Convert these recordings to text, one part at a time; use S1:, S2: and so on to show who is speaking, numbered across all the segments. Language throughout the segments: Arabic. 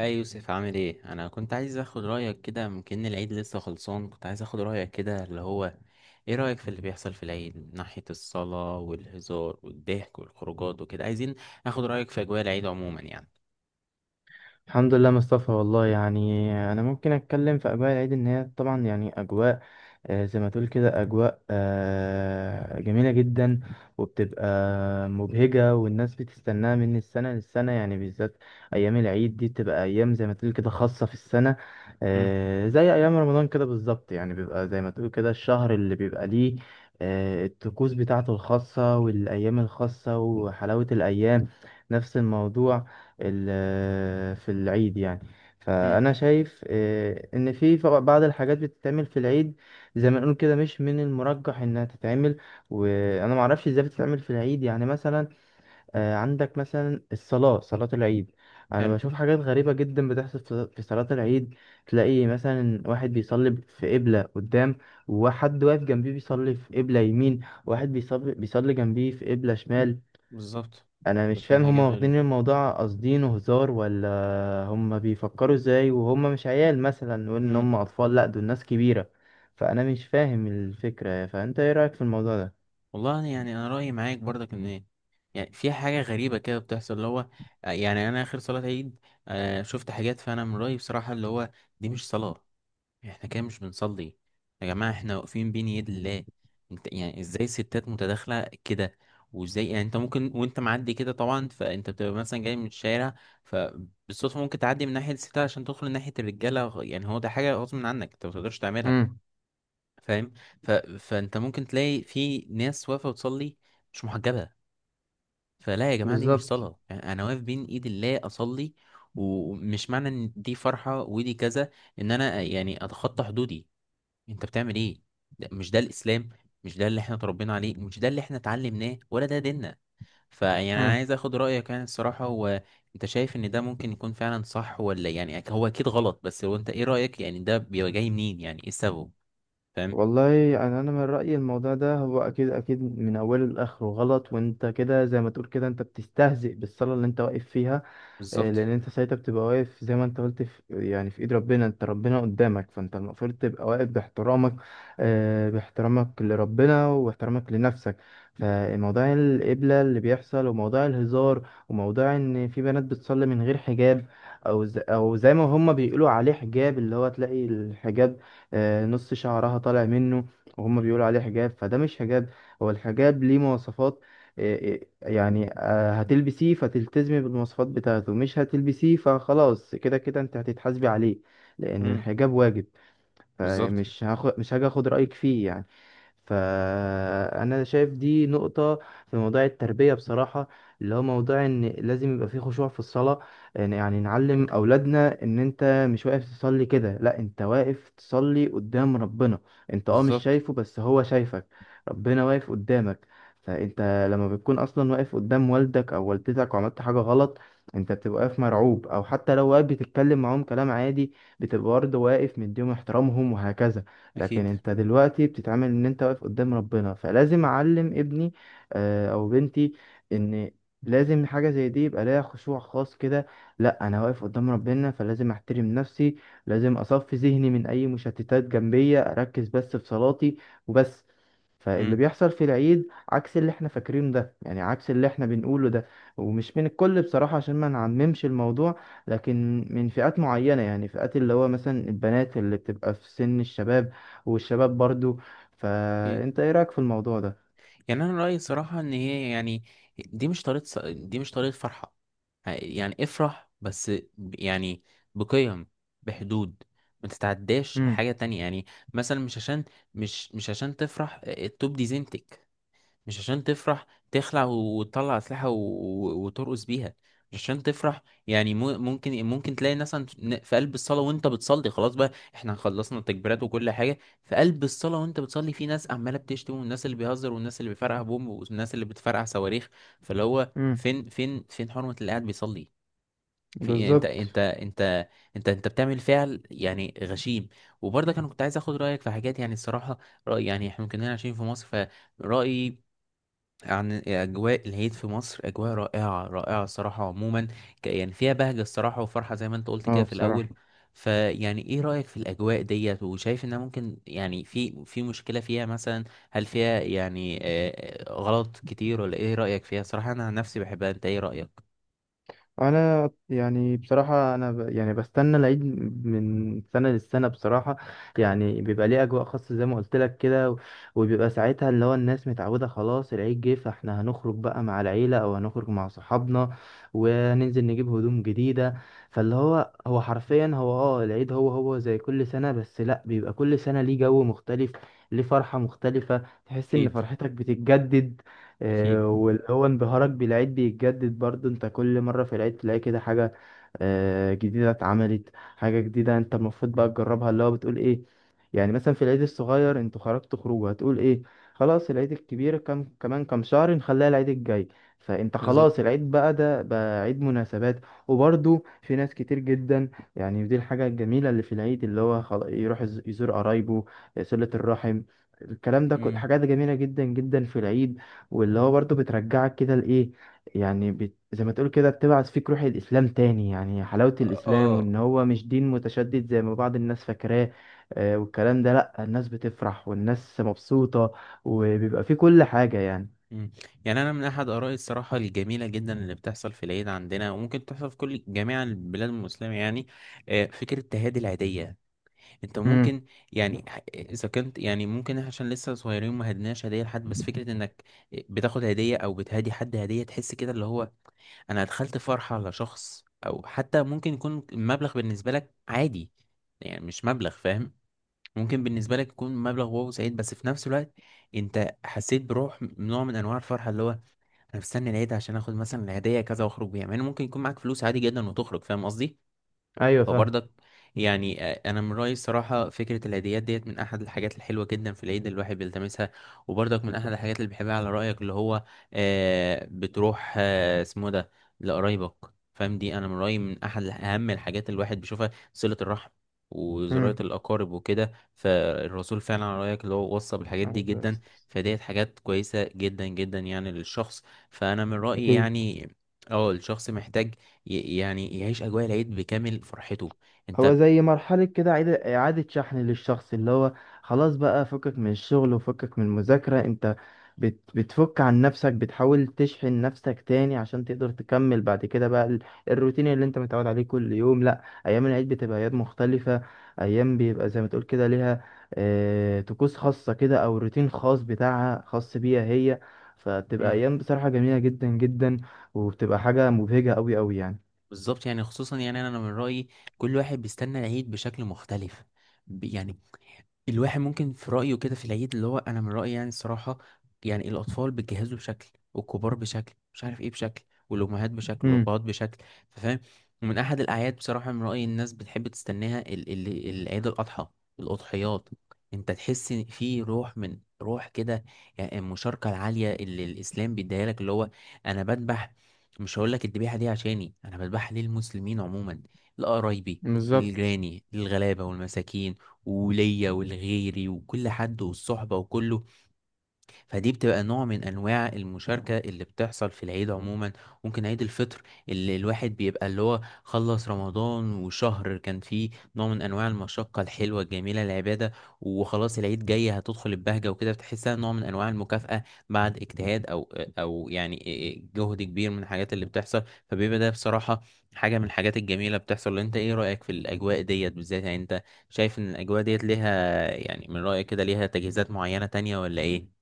S1: اي يوسف، عامل ايه؟ انا كنت عايز اخد رايك كده. ممكن العيد لسه خلصان. كنت عايز اخد رايك كده، اللي هو ايه رايك في اللي بيحصل في العيد من ناحيه الصلاه والهزار والضحك والخروجات وكده. عايزين اخد رايك في اجواء العيد عموما يعني.
S2: الحمد لله مصطفى. والله، يعني انا ممكن اتكلم في اجواء العيد، ان هي طبعا يعني اجواء زي ما تقول كده اجواء جميله جدا، وبتبقى مبهجه، والناس بتستناها من السنه للسنه. يعني بالذات ايام العيد دي بتبقى ايام زي ما تقول كده خاصه في السنه،
S1: امم.
S2: زي ايام رمضان كده بالظبط. يعني بيبقى زي ما تقول كده الشهر اللي بيبقى ليه الطقوس بتاعته الخاصه، والايام الخاصه، وحلاوه الايام، نفس الموضوع في العيد يعني.
S1: امم.
S2: فأنا شايف إن في بعض الحاجات بتتعمل في العيد، زي ما نقول كده، مش من المرجح إنها تتعمل، وأنا معرفش إزاي بتتعمل في العيد. يعني مثلا عندك مثلا الصلاة، صلاة العيد.
S1: حلو.
S2: أنا بشوف حاجات غريبة جدا بتحصل في صلاة العيد. تلاقي مثلا واحد بيصلي في قبلة قدام، وحد واقف جنبيه بيصلي في قبلة يمين، واحد بيصلي جنبيه في قبلة شمال.
S1: بالظبط.
S2: أنا مش
S1: في
S2: فاهم، هما
S1: حاجات غريبه.
S2: واخدين الموضوع قاصدينه هزار، ولا هم بيفكروا ازاي وهم مش عيال مثلا، وان
S1: امم.
S2: هم اطفال؟ لا، دول ناس كبيرة. فانا مش فاهم الفكرة يعني. فانت ايه رأيك في الموضوع ده؟
S1: والله يعني انا رايي معاك برضك، ان إيه؟ يعني في حاجه غريبه كده بتحصل، اللي هو يعني انا اخر صلاه عيد شفت حاجات، فانا من رايي بصراحه اللي هو دي مش صلاه. يعني احنا كده مش بنصلي. يا جماعة، احنا واقفين بين يد الله. انت يعني ازاي الستات متداخلة كده؟ وازاي يعني انت ممكن وانت معدي كده طبعا، فانت بتبقى مثلا جاي من الشارع، فبالصدفة ممكن تعدي من ناحية الستات عشان تدخل ناحية الرجالة. يعني هو ده حاجة غصب عنك، انت متقدرش تعملها.
S2: امم.
S1: فاهم؟ ف... فانت ممكن تلاقي في ناس واقفة بتصلي مش محجبة. فلا يا جماعة، دي مش
S2: بالظبط.
S1: صلاة. يعني انا واقف بين ايد الله اصلي. ومش معنى ان دي فرحة ودي كذا، ان انا يعني اتخطى حدودي. انت بتعمل ايه؟ ده مش ده الاسلام. مش ده اللي احنا اتربينا عليه، مش ده اللي احنا اتعلمناه، ولا ده ديننا. فيعني انا
S2: امم.
S1: عايز اخد رايك يعني الصراحه، هو انت شايف ان ده ممكن يكون فعلا صح، ولا يعني هو اكيد غلط؟ بس هو انت ايه رايك؟ يعني ده بيبقى جاي منين؟ يعني ايه السبب؟ فاهم؟
S2: والله، انا من رايي الموضوع ده هو اكيد اكيد من اوله لاخره غلط، وانت كده زي ما تقول كده انت بتستهزئ بالصلاه اللي انت واقف فيها.
S1: بالظبط.
S2: لان انت ساعتها بتبقى واقف زي ما انت قلت، في يعني في ايد ربنا، انت ربنا قدامك، فانت المفروض تبقى واقف باحترامك، باحترامك لربنا واحترامك لنفسك. فموضوع القبلة اللي بيحصل، وموضوع الهزار، وموضوع ان في بنات بتصلي من غير حجاب، او زي ما هم بيقولوا عليه حجاب، اللي هو تلاقي الحجاب نص شعرها طالع منه وهم بيقولوا عليه حجاب. فده مش حجاب، هو الحجاب ليه مواصفات. هتلبسيه فتلتزمي بالمواصفات بتاعته، مش هتلبسيه فخلاص، كده كده انت هتتحاسبي عليه، لان
S1: امم.
S2: الحجاب واجب.
S1: بالظبط.
S2: فمش هاخد مش هاجي اخد رأيك فيه يعني. فأنا شايف دي نقطة في موضوع التربية بصراحة، اللي هو موضوع إن لازم يبقى فيه خشوع في الصلاة. يعني نعلم أولادنا إن أنت مش واقف تصلي كده، لأ، أنت واقف تصلي قدام ربنا. أنت مش
S1: بالظبط.
S2: شايفه بس هو شايفك، ربنا واقف قدامك. فأنت لما بتكون أصلا واقف قدام والدك أو والدتك وعملت حاجة غلط، أنت بتبقى واقف مرعوب، أو حتى لو واقف بتتكلم معاهم كلام عادي، بتبقى برضه واقف مديهم احترامهم وهكذا. لكن
S1: اكيد.
S2: انت دلوقتي بتتعامل ان انت واقف قدام ربنا، فلازم اعلم ابني او بنتي ان لازم حاجة زي دي يبقى ليها خشوع خاص كده. لا، انا واقف قدام ربنا فلازم احترم نفسي، لازم اصفي ذهني من اي مشتتات جنبية، اركز بس في صلاتي وبس. فاللي
S1: امم.
S2: بيحصل في العيد عكس اللي احنا فاكرينه ده، يعني عكس اللي احنا بنقوله ده، ومش من الكل بصراحة عشان ما نعممش الموضوع، لكن من فئات معينة، يعني فئات اللي هو مثلا البنات اللي بتبقى في سن الشباب، والشباب برضو.
S1: اكيد.
S2: فأنت إيه رأيك في الموضوع ده؟
S1: يعني انا رايي صراحه ان هي يعني دي مش طريقه فرحه. يعني افرح، بس يعني بقيم، بحدود، ما تتعداش
S2: امم.
S1: حاجه تانية يعني. مثلا مش عشان مش عشان تفرح التوب دي زينتك. مش عشان تفرح تخلع وتطلع أسلحة وترقص بيها. مش عشان تفرح. يعني ممكن تلاقي ناس في قلب الصلاة وانت بتصلي، خلاص بقى احنا خلصنا التكبيرات وكل حاجة. في قلب الصلاة وانت بتصلي، في ناس عمالة بتشتم، والناس اللي بيهزر، والناس اللي بيفرقع بوم، والناس اللي بتفرقع صواريخ. فاللي هو
S2: امم.
S1: فين فين فين حرمة اللي قاعد بيصلي؟ في إيه؟ انت
S2: بالظبط.
S1: انت انت انت انت بتعمل فعل يعني غشيم. وبرضه انا كنت عايز اخد رايك في حاجات، يعني الصراحه راي، يعني احنا كنا عايشين في مصر، رأيي عن اجواء العيد في مصر اجواء رائعه رائعه الصراحه عموما. يعني فيها بهجه الصراحه وفرحه، زي ما انت قلت كده
S2: اه
S1: في الاول.
S2: بصراحة.
S1: فيعني ايه رايك في الاجواء ديت؟ وشايف انها ممكن يعني في مشكله فيها مثلا؟ هل فيها يعني غلط كتير، ولا ايه رايك فيها صراحه؟ انا عن نفسي بحبها، انت ايه رايك؟
S2: انا يعني بصراحه يعني بستنى العيد من سنه للسنه بصراحه. يعني بيبقى ليه اجواء خاصه زي ما قلت لك كده، وبيبقى ساعتها اللي هو الناس متعوده، خلاص العيد جه، فاحنا هنخرج بقى مع العيله او هنخرج مع صحابنا وننزل نجيب هدوم جديده. فاللي هو هو حرفيا هو العيد، هو هو زي كل سنه، بس لا، بيبقى كل سنه ليه جو مختلف، ليه فرحه مختلفه، تحس ان
S1: اكيد.
S2: فرحتك بتتجدد،
S1: اكيد.
S2: واللي هو انبهارك بالعيد بيتجدد برضو. انت كل مرة في العيد تلاقي كده حاجة جديدة اتعملت، حاجة جديدة انت المفروض بقى تجربها، اللي هو بتقول ايه، يعني مثلا في العيد الصغير انتوا خرجتوا خروجه، هتقول ايه، خلاص العيد الكبير كمان كام شهر نخليها العيد الجاي. فانت
S1: بالظبط.
S2: خلاص العيد بقى ده بقى عيد مناسبات. وبرضو في ناس كتير جدا يعني، دي الحاجة الجميلة اللي في العيد، اللي هو يروح يزور قرايبه، صلة الرحم، الكلام ده،
S1: امم.
S2: حاجات جميلة جدا جدا في العيد. واللي هو برضه بترجعك كده لإيه، يعني زي ما تقول كده بتبعث فيك روح الإسلام تاني، يعني حلاوة الإسلام،
S1: اه.
S2: وإن هو مش دين متشدد زي ما بعض الناس فاكراه. والكلام ده، لأ، الناس بتفرح والناس مبسوطة، وبيبقى فيه كل حاجة يعني.
S1: مم. يعني انا من احد ارائي الصراحه الجميله جدا اللي بتحصل في العيد عندنا، وممكن تحصل في كل جميع البلاد المسلمه يعني، فكره التهادي العيديه. انت
S2: امم.
S1: ممكن يعني اذا كنت يعني ممكن، إحنا عشان لسه صغيرين ما هدناش هديه لحد، بس فكره انك بتاخد هديه او بتهادي حد هديه، تحس كده اللي هو انا دخلت فرحة على شخص. او حتى ممكن يكون المبلغ بالنسبة لك عادي، يعني مش مبلغ، فاهم؟ ممكن بالنسبة لك يكون مبلغ واو سعيد، بس في نفس الوقت انت حسيت بروح نوع من انواع الفرحة، اللي هو انا مستني العيد عشان اخد مثلا الهديه كذا واخرج بيها، مع ان ممكن يكون معاك فلوس عادي جدا وتخرج، فاهم قصدي؟
S2: ايوه فاهم.
S1: فبرضك يعني انا من رايي الصراحه فكره الهديات ديت من احد الحاجات الحلوه جدا في العيد، اللي الواحد بيلتمسها. وبرضك من احد الحاجات اللي بحبها على رايك، اللي هو بتروح اسمه إيه ده، لقرايبك. فاهم؟ دي انا من رايي من احد اهم الحاجات اللي الواحد بيشوفها، صله الرحم وزراعة
S2: امم.
S1: الأقارب وكده. فالرسول فعلا على رأيك اللي هو وصى بالحاجات دي
S2: أيوة،
S1: جدا. فديت حاجات كويسة جدا جدا يعني للشخص. فأنا من رأيي
S2: أكيد.
S1: يعني اه الشخص محتاج يعني يعيش أجواء العيد بكامل فرحته.
S2: هو
S1: أنت.
S2: زي مرحلة كده إعادة شحن للشخص، اللي هو خلاص بقى فكك من الشغل وفكك من المذاكرة. أنت بتفك عن نفسك، بتحاول تشحن نفسك تاني عشان تقدر تكمل بعد كده بقى الروتين اللي أنت متعود عليه كل يوم. لأ، أيام العيد بتبقى أيام مختلفة، أيام بيبقى زي ما تقول كده ليها طقوس خاصة كده أو روتين خاص بتاعها خاص بيها هي، فبتبقى
S1: مم.
S2: أيام بصراحة جميلة جدا جدا، وبتبقى حاجة مبهجة أوي أوي يعني.
S1: بالظبط، يعني خصوصا يعني أنا من رأيي كل واحد بيستنى العيد بشكل مختلف. يعني الواحد ممكن في رأيه كده في العيد، اللي هو أنا من رأيي يعني الصراحة، يعني الأطفال بتجهزوا بشكل، والكبار بشكل مش عارف إيه، بشكل، والأمهات بشكل،
S2: مم.
S1: والأبهات بشكل. فاهم؟ ومن أحد الأعياد بصراحة من رأيي الناس بتحب تستناها ال ال العيد الأضحى، الأضحيات. أنت تحس إن في روح من روح كده. يعني المشاركة العالية اللي الإسلام بيديها لك، اللي هو أنا بذبح، مش هقول لك الذبيحة دي عشاني، أنا بذبحها للمسلمين عموما، لقرايبي،
S2: بالظبط.
S1: لجيراني، للغلابة والمساكين، وليا ولغيري وكل حد والصحبة وكله. فدي بتبقى نوع من انواع المشاركه اللي بتحصل في العيد عموما. ممكن عيد الفطر، اللي الواحد بيبقى اللي هو خلص رمضان، وشهر كان فيه نوع من انواع المشقه الحلوه الجميله، العباده، وخلاص العيد جاي هتدخل البهجه وكده، بتحسها نوع من انواع المكافاه بعد اجتهاد، او يعني إيه، جهد كبير من الحاجات اللي بتحصل. فبيبقى ده بصراحه حاجه من الحاجات الجميله بتحصل. انت ايه رايك في الاجواء ديت بالذات؟ يعني انت شايف ان الاجواء ديت ليها، يعني من رايك كده ليها تجهيزات معينه تانية ولا ايه؟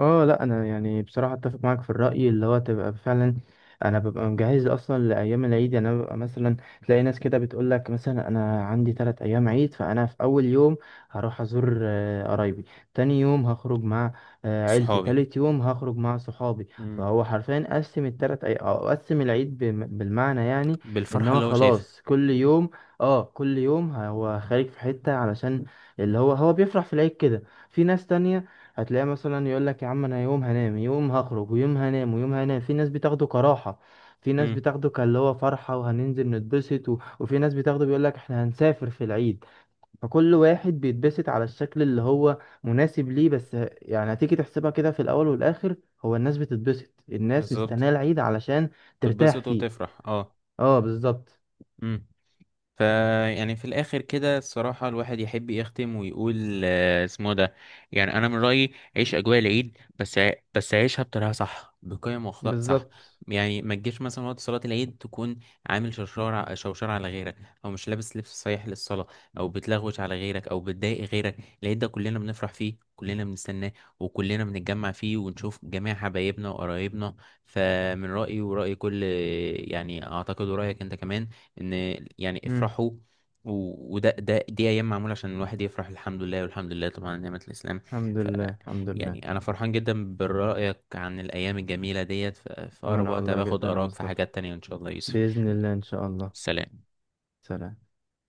S2: اه لا، انا يعني بصراحه اتفق معاك في الراي، اللي هو تبقى فعلا انا ببقى مجهز اصلا لايام العيد. يعني انا ببقى مثلا، تلاقي ناس كده بتقول لك مثلا انا عندي ثلاث ايام عيد، فانا في اول يوم هروح ازور قرايبي، تاني يوم هخرج مع عيلتي،
S1: صحابي.
S2: تالت يوم هخرج مع صحابي،
S1: امم.
S2: فهو حرفيا قسم الثلاث او قسم العيد بالمعنى يعني، ان
S1: بالفرحة
S2: هو
S1: اللي هو شايفها.
S2: خلاص كل يوم، اه كل يوم هو خارج في حته، علشان اللي هو هو بيفرح في العيد كده. في ناس تانية هتلاقيه مثلا يقول لك يا عم انا يوم هنام يوم هخرج ويوم هنام ويوم هنام، في ناس بتاخده كراحة، في ناس
S1: امم.
S2: بتاخده كاللي هو فرحة وهننزل نتبسط، وفي ناس بتاخده بيقول لك احنا هنسافر في العيد. فكل واحد بيتبسط على الشكل اللي هو مناسب ليه. بس يعني هتيجي تحسبها كده في الاول والاخر، هو الناس بتتبسط، الناس
S1: بالظبط.
S2: مستنية العيد علشان ترتاح
S1: تتبسط
S2: فيه.
S1: وتفرح، اه.
S2: اه بالظبط.
S1: امم. فيعني في الاخر كده الصراحه الواحد يحب يختم ويقول اسمه ده، يعني انا من رايي عيش اجواء العيد، بس عيشها بطريقه صح، بقيم واخلاق صح.
S2: بالظبط.
S1: يعني ما تجيش مثلا وقت صلاه العيد تكون عامل شرشار، شوشره على غيرك، او مش لابس لبس صحيح للصلاه، او بتلغوش على غيرك، او بتضايق غيرك. العيد ده كلنا بنفرح فيه، كلنا بنستناه، وكلنا بنتجمع فيه ونشوف جميع حبايبنا وقرايبنا. فمن رايي وراي كل، يعني اعتقد ورايك انت كمان، ان يعني
S2: مم.
S1: افرحوا. و- وده ده دي ايام معموله عشان الواحد يفرح. الحمد لله، والحمد لله طبعا على نعمه الاسلام.
S2: الحمد
S1: ف
S2: لله الحمد لله.
S1: يعني انا فرحان جدا برايك عن الايام الجميله ديت. في اقرب
S2: وانا
S1: وقت
S2: والله
S1: باخد
S2: جدا يا
S1: اراك في
S2: مصطفى،
S1: حاجات تانية ان شاء الله يا يوسف.
S2: بإذن الله ان شاء الله.
S1: سلام.
S2: سلام.